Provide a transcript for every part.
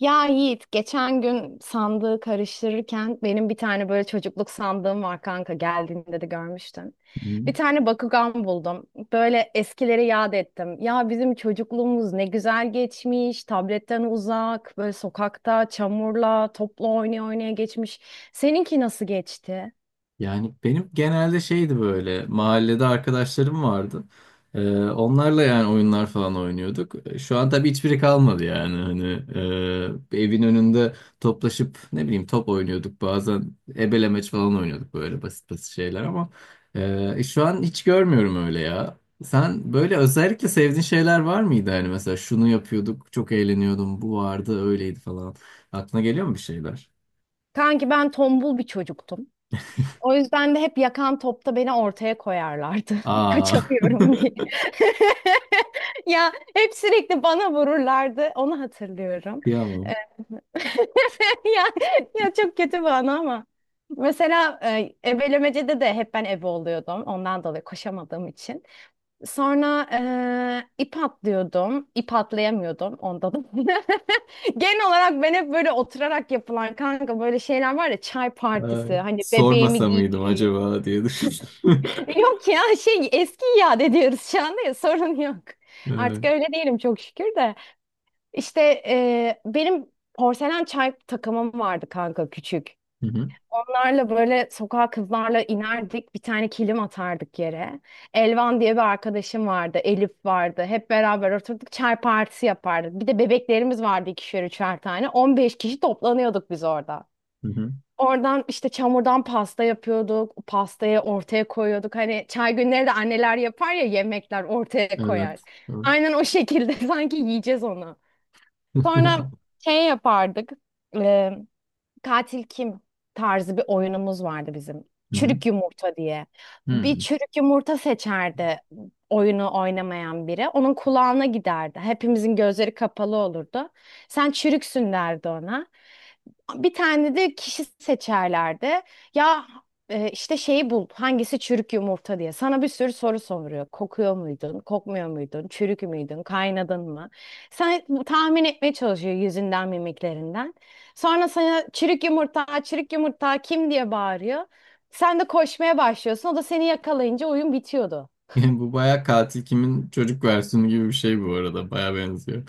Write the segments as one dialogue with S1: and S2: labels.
S1: Ya Yiğit, geçen gün sandığı karıştırırken benim bir tane böyle çocukluk sandığım var kanka geldiğinde de görmüştün.
S2: Hı.
S1: Bir tane Bakugan buldum. Böyle eskileri yad ettim. Ya bizim çocukluğumuz ne güzel geçmiş. Tabletten uzak, böyle sokakta çamurla, topla oynaya oynaya geçmiş. Seninki nasıl geçti?
S2: Yani benim genelde şeydi böyle mahallede arkadaşlarım vardı. Onlarla yani oyunlar falan oynuyorduk. Şu an tabii hiçbiri kalmadı yani hani evin önünde toplaşıp ne bileyim top oynuyorduk, bazen ebelemeç falan oynuyorduk, böyle basit basit şeyler ama şu an hiç görmüyorum öyle ya. Sen böyle özellikle sevdiğin şeyler var mıydı, hani mesela şunu yapıyorduk çok eğleniyordum bu vardı öyleydi falan, aklına geliyor mu bir şeyler?
S1: Kanki ben tombul bir çocuktum. O yüzden de hep yakan topta beni ortaya koyarlardı.
S2: Aa.
S1: Kaçamıyorum diye. Ya hep sürekli bana vururlardı. Onu hatırlıyorum. Ee,
S2: Kıyamam.
S1: Ya, ya çok kötü bana ama. Mesela ebelemecede de hep ben ebe oluyordum. Ondan dolayı koşamadığım için. Sonra ip atlıyordum. İp atlayamıyordum. Onda da. Genel olarak ben hep böyle oturarak yapılan kanka böyle şeyler var ya çay
S2: Ay,
S1: partisi. Hani bebeğimi
S2: sormasa mıydım
S1: giydiriyor.
S2: acaba diye düşündüm.
S1: Yok ya şey eski iade ediyoruz şu anda ya sorun yok.
S2: Evet.
S1: Artık öyle değilim çok şükür de. İşte benim porselen çay takımım vardı kanka küçük.
S2: Hı hı,
S1: Bunlarla böyle sokağa kızlarla inerdik bir tane kilim atardık yere. Elvan diye bir arkadaşım vardı, Elif vardı, hep beraber oturduk, çay partisi yapardık. Bir de bebeklerimiz vardı, ikişer üçer tane, 15 kişi toplanıyorduk biz orada.
S2: hı hı.
S1: Oradan işte çamurdan pasta yapıyorduk. O pastayı ortaya koyuyorduk. Hani çay günleri de anneler yapar ya, yemekler ortaya
S2: Evet.
S1: koyar.
S2: Evet.
S1: Aynen o şekilde sanki yiyeceğiz onu. Sonra şey yapardık. Katil kim tarzı bir oyunumuz vardı bizim.
S2: Hı hı,
S1: Çürük yumurta diye. Bir
S2: hı.
S1: çürük yumurta seçerdi oyunu oynamayan biri. Onun kulağına giderdi. Hepimizin gözleri kapalı olurdu. Sen çürüksün derdi ona. Bir tane de kişi seçerlerdi. Ya işte şeyi bul. Hangisi çürük yumurta diye. Sana bir sürü soru soruyor. Kokuyor muydun? Kokmuyor muydun? Çürük müydün? Kaynadın mı? Sen tahmin etmeye çalışıyor yüzünden, mimiklerinden. Sonra sana çürük yumurta, çürük yumurta kim diye bağırıyor. Sen de koşmaya başlıyorsun. O da seni yakalayınca oyun bitiyordu.
S2: Yani bu baya katil kimin çocuk versiyonu gibi bir şey bu arada. Baya benziyor.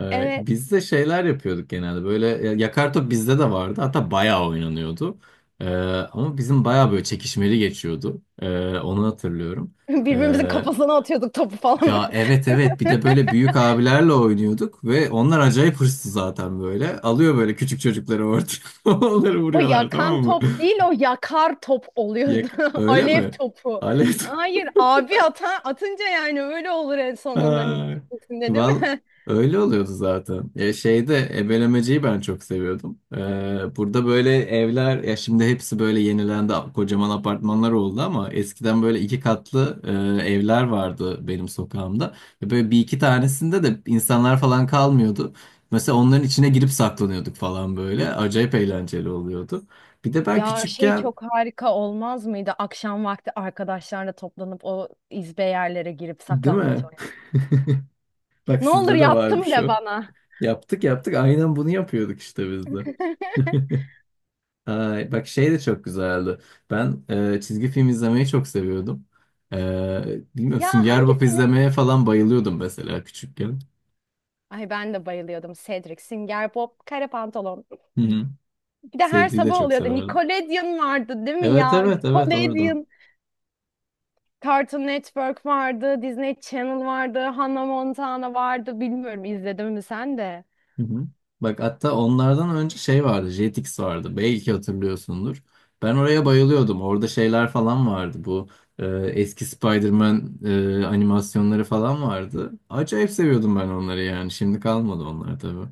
S1: Evet.
S2: Biz de şeyler yapıyorduk genelde. Böyle yakar top bizde de vardı. Hatta bayağı oynanıyordu. Ee, Ama bizim bayağı böyle çekişmeli geçiyordu. Onu hatırlıyorum.
S1: Birbirimizin
S2: Ee,
S1: kafasına atıyorduk topu falan.
S2: Ya, evet evet, bir de böyle büyük abilerle oynuyorduk ve onlar acayip hırslı zaten böyle. Alıyor böyle küçük çocukları ortaya onları
S1: O
S2: vuruyorlar,
S1: yakan
S2: tamam mı?
S1: top değil, o yakar top oluyordu.
S2: Öyle
S1: Alev
S2: mi?
S1: topu.
S2: Alev.
S1: Hayır, abi ata, atınca yani öyle olur en sonunda
S2: Ay,
S1: neticesinde, değil
S2: Val
S1: mi?
S2: öyle oluyordu zaten. Ya, şeyde ebelemeciyi ben çok seviyordum. Burada böyle evler, ya şimdi hepsi böyle yenilendi, kocaman apartmanlar oldu, ama eskiden böyle iki katlı evler vardı benim sokağımda. Ve böyle bir iki tanesinde de insanlar falan kalmıyordu. Mesela onların içine girip saklanıyorduk falan böyle. Acayip eğlenceli oluyordu. Bir de ben
S1: Ya şey
S2: küçükken
S1: çok harika olmaz mıydı? Akşam vakti arkadaşlarla toplanıp o izbe yerlere girip
S2: değil
S1: saklambaç
S2: mi?
S1: oynamak.
S2: Bak
S1: Ne olur
S2: sizde de
S1: yaptım
S2: varmış
S1: de
S2: o.
S1: bana.
S2: Yaptık yaptık. Aynen bunu yapıyorduk işte biz de. Ay, bak şey de çok güzeldi. Ben çizgi film izlemeyi çok seviyordum. E, bilmiyorum,
S1: Ya
S2: Sünger Bob
S1: hangisini?
S2: izlemeye falan bayılıyordum mesela küçükken.
S1: Ay ben de bayılıyordum. Cedric, Singer Bob, Kare Pantolon.
S2: Hı hı.
S1: Bir de her
S2: Sezgi'yi de
S1: sabah
S2: çok
S1: oluyordu.
S2: severdim.
S1: Nickelodeon vardı, değil mi
S2: Evet
S1: ya?
S2: evet evet, orada.
S1: Nickelodeon. Cartoon Network vardı, Disney Channel vardı, Hannah Montana vardı. Bilmiyorum, izledin mi sen de?
S2: Hı hı. Bak hatta onlardan önce şey vardı, Jetix vardı. Belki hatırlıyorsundur. Ben oraya bayılıyordum. Orada şeyler falan vardı. Bu eski Spider-Man animasyonları falan vardı. Acayip seviyordum ben onları yani. Şimdi kalmadı onlar tabii.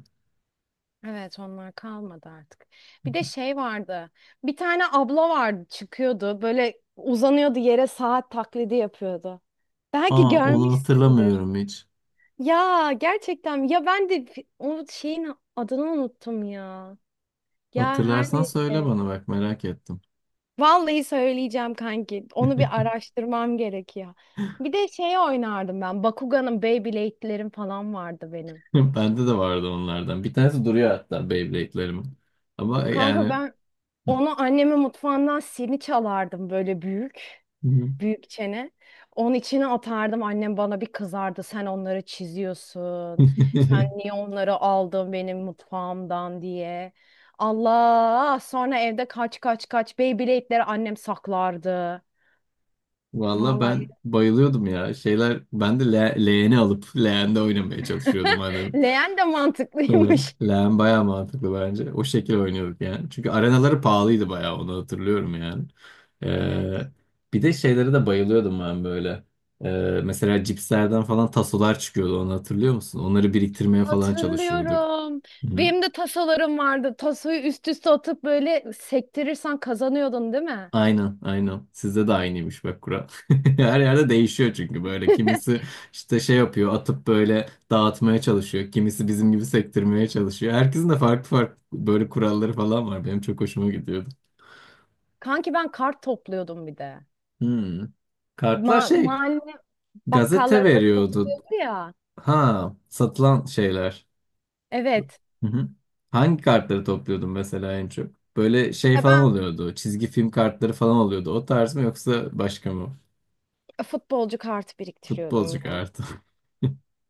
S1: Evet, onlar kalmadı artık. Bir de şey vardı. Bir tane abla vardı çıkıyordu. Böyle uzanıyordu yere, saat taklidi yapıyordu. Belki
S2: Aa, onu
S1: görmüşsündür.
S2: hatırlamıyorum hiç.
S1: Ya gerçekten ya ben de o şeyin adını unuttum ya. Ya her
S2: Hatırlarsan söyle
S1: neyse.
S2: bana, bak merak ettim.
S1: Vallahi söyleyeceğim kanki. Onu bir araştırmam gerekiyor. Bir de şey oynardım ben. Bakugan'ın, Beyblade'lerim falan vardı benim.
S2: Bende de vardı onlardan. Bir tanesi duruyor hatta Beyblade'lerimin. Ama
S1: Kanka
S2: yani
S1: ben onu annemin mutfağından sini çalardım böyle büyük.
S2: Hı hı.
S1: Büyük çene. Onun içine atardım. Annem bana bir kızardı. Sen onları çiziyorsun. Sen niye onları aldın benim mutfağımdan diye. Allah! Sonra evde kaç kaç kaç Beyblade'leri annem saklardı.
S2: Valla
S1: Vallahi
S2: ben bayılıyordum ya. Şeyler, ben de leğeni alıp leğende oynamaya çalışıyordum annem.
S1: leğen de mantıklıymış.
S2: Leğen bayağı mantıklı bence. O şekil oynuyorduk yani. Çünkü arenaları pahalıydı bayağı, onu hatırlıyorum yani.
S1: Evet.
S2: Ee, Bir de şeylere de bayılıyordum ben böyle. Mesela cipslerden falan tasolar çıkıyordu, onu hatırlıyor musun? Onları biriktirmeye falan çalışıyorduk.
S1: Hatırlıyorum.
S2: Hı.
S1: Benim de tasolarım vardı. Tasoyu üst üste atıp böyle sektirirsen kazanıyordun, değil mi?
S2: Aynen, aynen. Sizde de aynıymış bak kural. Her yerde değişiyor çünkü böyle. Kimisi işte şey yapıyor, atıp böyle dağıtmaya çalışıyor. Kimisi bizim gibi sektirmeye çalışıyor. Herkesin de farklı farklı böyle kuralları falan var. Benim çok hoşuma gidiyordu.
S1: Kanki ben kart topluyordum bir de.
S2: Hmm. Kartlar
S1: Ma
S2: şey,
S1: mahalle
S2: gazete
S1: Bakkallarda
S2: veriyordu.
S1: satılıyordu ya.
S2: Ha, satılan şeyler.
S1: Evet.
S2: Hı hı. Hangi kartları topluyordun mesela en çok? Böyle şey
S1: Ya
S2: falan
S1: ben
S2: oluyordu. Çizgi film kartları falan oluyordu. O tarz mı yoksa başka mı?
S1: futbolcu kartı biriktiriyordum
S2: Futbolcu
S1: ya.
S2: kartı.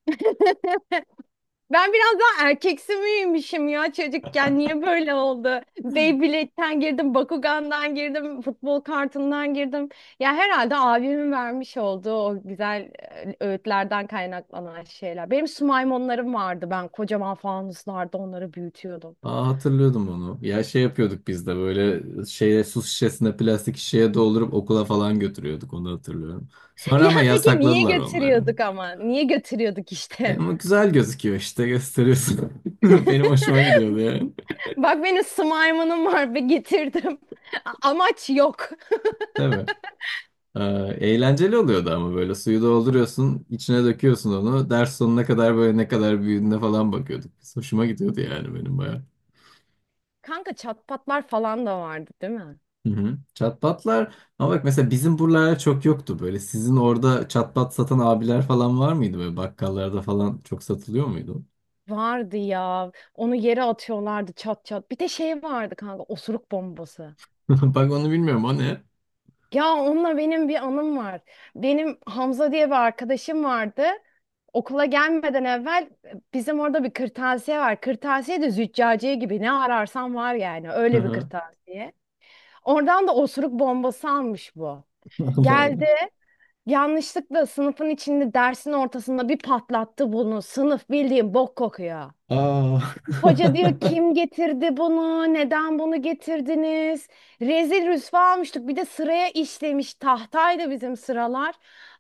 S1: Ben biraz daha erkeksi miymişim ya çocukken? Niye böyle oldu? Beyblade'den girdim, Bakugan'dan girdim, futbol kartından girdim. Ya herhalde abimin vermiş olduğu o güzel öğütlerden kaynaklanan şeyler. Benim sumaymonlarım vardı. Ben kocaman fanuslarda onları büyütüyordum.
S2: Aa, hatırlıyordum onu. Ya, şey yapıyorduk biz de, böyle şeye su şişesine, plastik şişeye doldurup okula falan götürüyorduk, onu hatırlıyorum. Sonra
S1: Ya
S2: ama
S1: peki niye
S2: yasakladılar onları.
S1: götürüyorduk ama? Niye götürüyorduk
S2: E,
S1: işte?
S2: ama güzel gözüküyor işte, gösteriyorsun. Benim hoşuma gidiyordu yani.
S1: Bak benim slime'ım var ve getirdim. Amaç yok.
S2: Değil mi? Ee, Eğlenceli oluyordu ama, böyle suyu dolduruyorsun, içine döküyorsun onu. Ders sonuna kadar böyle ne kadar büyüdüğüne falan bakıyorduk. Biz. Hoşuma gidiyordu yani benim bayağı.
S1: Kanka çatpatlar falan da vardı, değil mi?
S2: Hı hı. Çatbatlar ama bak, mesela bizim buralarda çok yoktu böyle. Sizin orada çatbat satan abiler falan var mıydı, böyle bakkallarda falan çok satılıyor muydu?
S1: Vardı ya. Onu yere atıyorlardı, çat çat. Bir de şey vardı kanka, osuruk bombası.
S2: Bak onu bilmiyorum, o ne?
S1: Ya onunla benim bir anım var. Benim Hamza diye bir arkadaşım vardı. Okula gelmeden evvel bizim orada bir kırtasiye var. Kırtasiye de züccaciye gibi, ne ararsan var yani,
S2: Hı
S1: öyle bir
S2: hı.
S1: kırtasiye. Oradan da osuruk bombası almış bu.
S2: Allah Allah.
S1: Geldi. Yanlışlıkla sınıfın içinde, dersin ortasında bir patlattı bunu. Sınıf bildiğin bok kokuyor.
S2: Aa.
S1: Hoca diyor, kim getirdi bunu? Neden bunu getirdiniz? Rezil rüsva almıştık. Bir de sıraya işlemiş, tahtaydı bizim sıralar.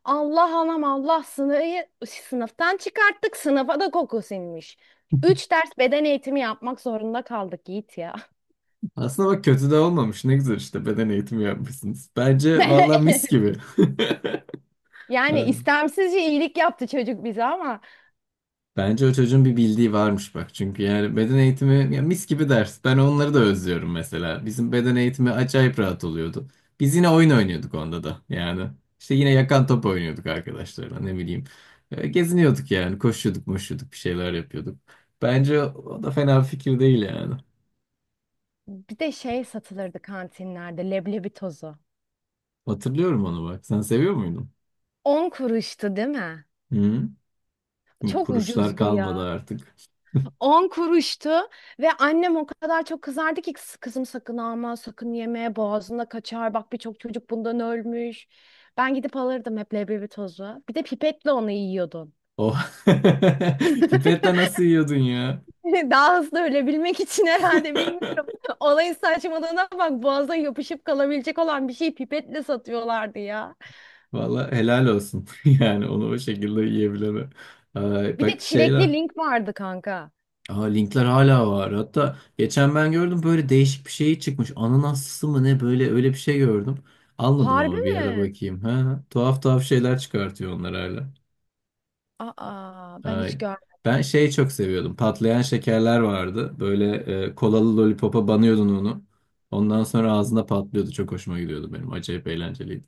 S1: Allah anam Allah, sınıfı sınıftan çıkarttık. Sınıfa da koku sinmiş. Üç ders beden eğitimi yapmak zorunda kaldık Yiğit ya.
S2: Aslında bak kötü de olmamış, ne güzel işte beden eğitimi yapmışsınız. Bence valla mis gibi.
S1: Yani
S2: Evet.
S1: istemsizce iyilik yaptı çocuk bize ama.
S2: Bence o çocuğun bir bildiği varmış bak. Çünkü yani beden eğitimi ya, mis gibi ders. Ben onları da özlüyorum mesela. Bizim beden eğitimi acayip rahat oluyordu. Biz yine oyun oynuyorduk onda da yani. İşte yine yakan top oynuyorduk arkadaşlarla, ne bileyim. E, geziniyorduk yani, koşuyorduk moşuyorduk, bir şeyler yapıyorduk. Bence o da fena bir fikir değil yani.
S1: Bir de şey satılırdı kantinlerde, leblebi tozu.
S2: Hatırlıyorum onu bak. Sen seviyor muydun?
S1: 10 kuruştu, değil mi?
S2: Hı?
S1: Çok
S2: Kuruşlar
S1: ucuzdu
S2: kalmadı
S1: ya.
S2: artık.
S1: 10 kuruştu ve annem o kadar çok kızardı ki, kızım sakın alma, sakın yeme, boğazına kaçar. Bak birçok çocuk bundan ölmüş." Ben gidip alırdım hep leblebi tozu. Bir de pipetle onu yiyordum.
S2: Oh. Pipetle nasıl yiyordun ya?
S1: Daha hızlı ölebilmek için herhalde, bilmiyorum. Olayın saçmalığına bak, boğaza yapışıp kalabilecek olan bir şeyi pipetle satıyorlardı ya.
S2: Valla helal olsun. Yani onu o şekilde yiyebileme. Ay,
S1: Bir de
S2: bak
S1: çilekli
S2: şeyler.
S1: link vardı kanka.
S2: Aa, linkler hala var. Hatta geçen ben gördüm, böyle değişik bir şey çıkmış. Ananaslı mı ne, böyle öyle bir şey gördüm. Almadım
S1: Harbi
S2: ama bir ara
S1: mi?
S2: bakayım. Ha, tuhaf tuhaf şeyler çıkartıyor onlar hala.
S1: Aa, ben hiç
S2: Ay. Ben
S1: görmedim.
S2: şeyi çok seviyordum. Patlayan şekerler vardı. Böyle kolalı lollipopa banıyordun onu. Ondan sonra ağzında patlıyordu. Çok hoşuma gidiyordu benim. Acayip eğlenceliydi.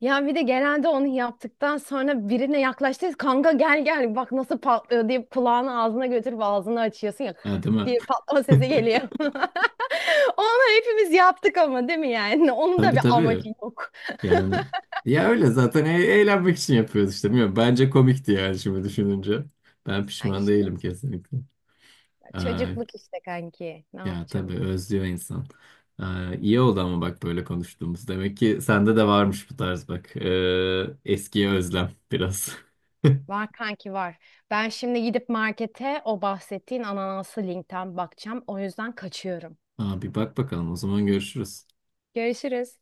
S1: Ya bir de genelde onu yaptıktan sonra birine yaklaştıysa kanka, gel gel bak nasıl patlıyor, deyip kulağını ağzına götürüp ağzını açıyorsun ya,
S2: Ha, değil mi?
S1: diye patlama sesi geliyor. Onu hepimiz yaptık ama, değil mi yani? Onun da
S2: Tabii
S1: bir
S2: tabii.
S1: amacı yok.
S2: Yani ya öyle zaten, eğlenmek için yapıyoruz işte. Bilmiyorum. Bence komikti yani şimdi düşününce. Ben
S1: Ya
S2: pişman
S1: işte
S2: değilim kesinlikle. Ay.
S1: çocukluk işte kanki. Ne
S2: Ya tabii
S1: yapacaksın?
S2: özlüyor insan. İyi oldu ama bak böyle konuştuğumuz. Demek ki sende de varmış bu tarz bak. Eskiye özlem biraz.
S1: Var kanki, var. Ben şimdi gidip markete o bahsettiğin ananaslı linkten bakacağım. O yüzden kaçıyorum.
S2: Abi bak bakalım, o zaman görüşürüz.
S1: Görüşürüz.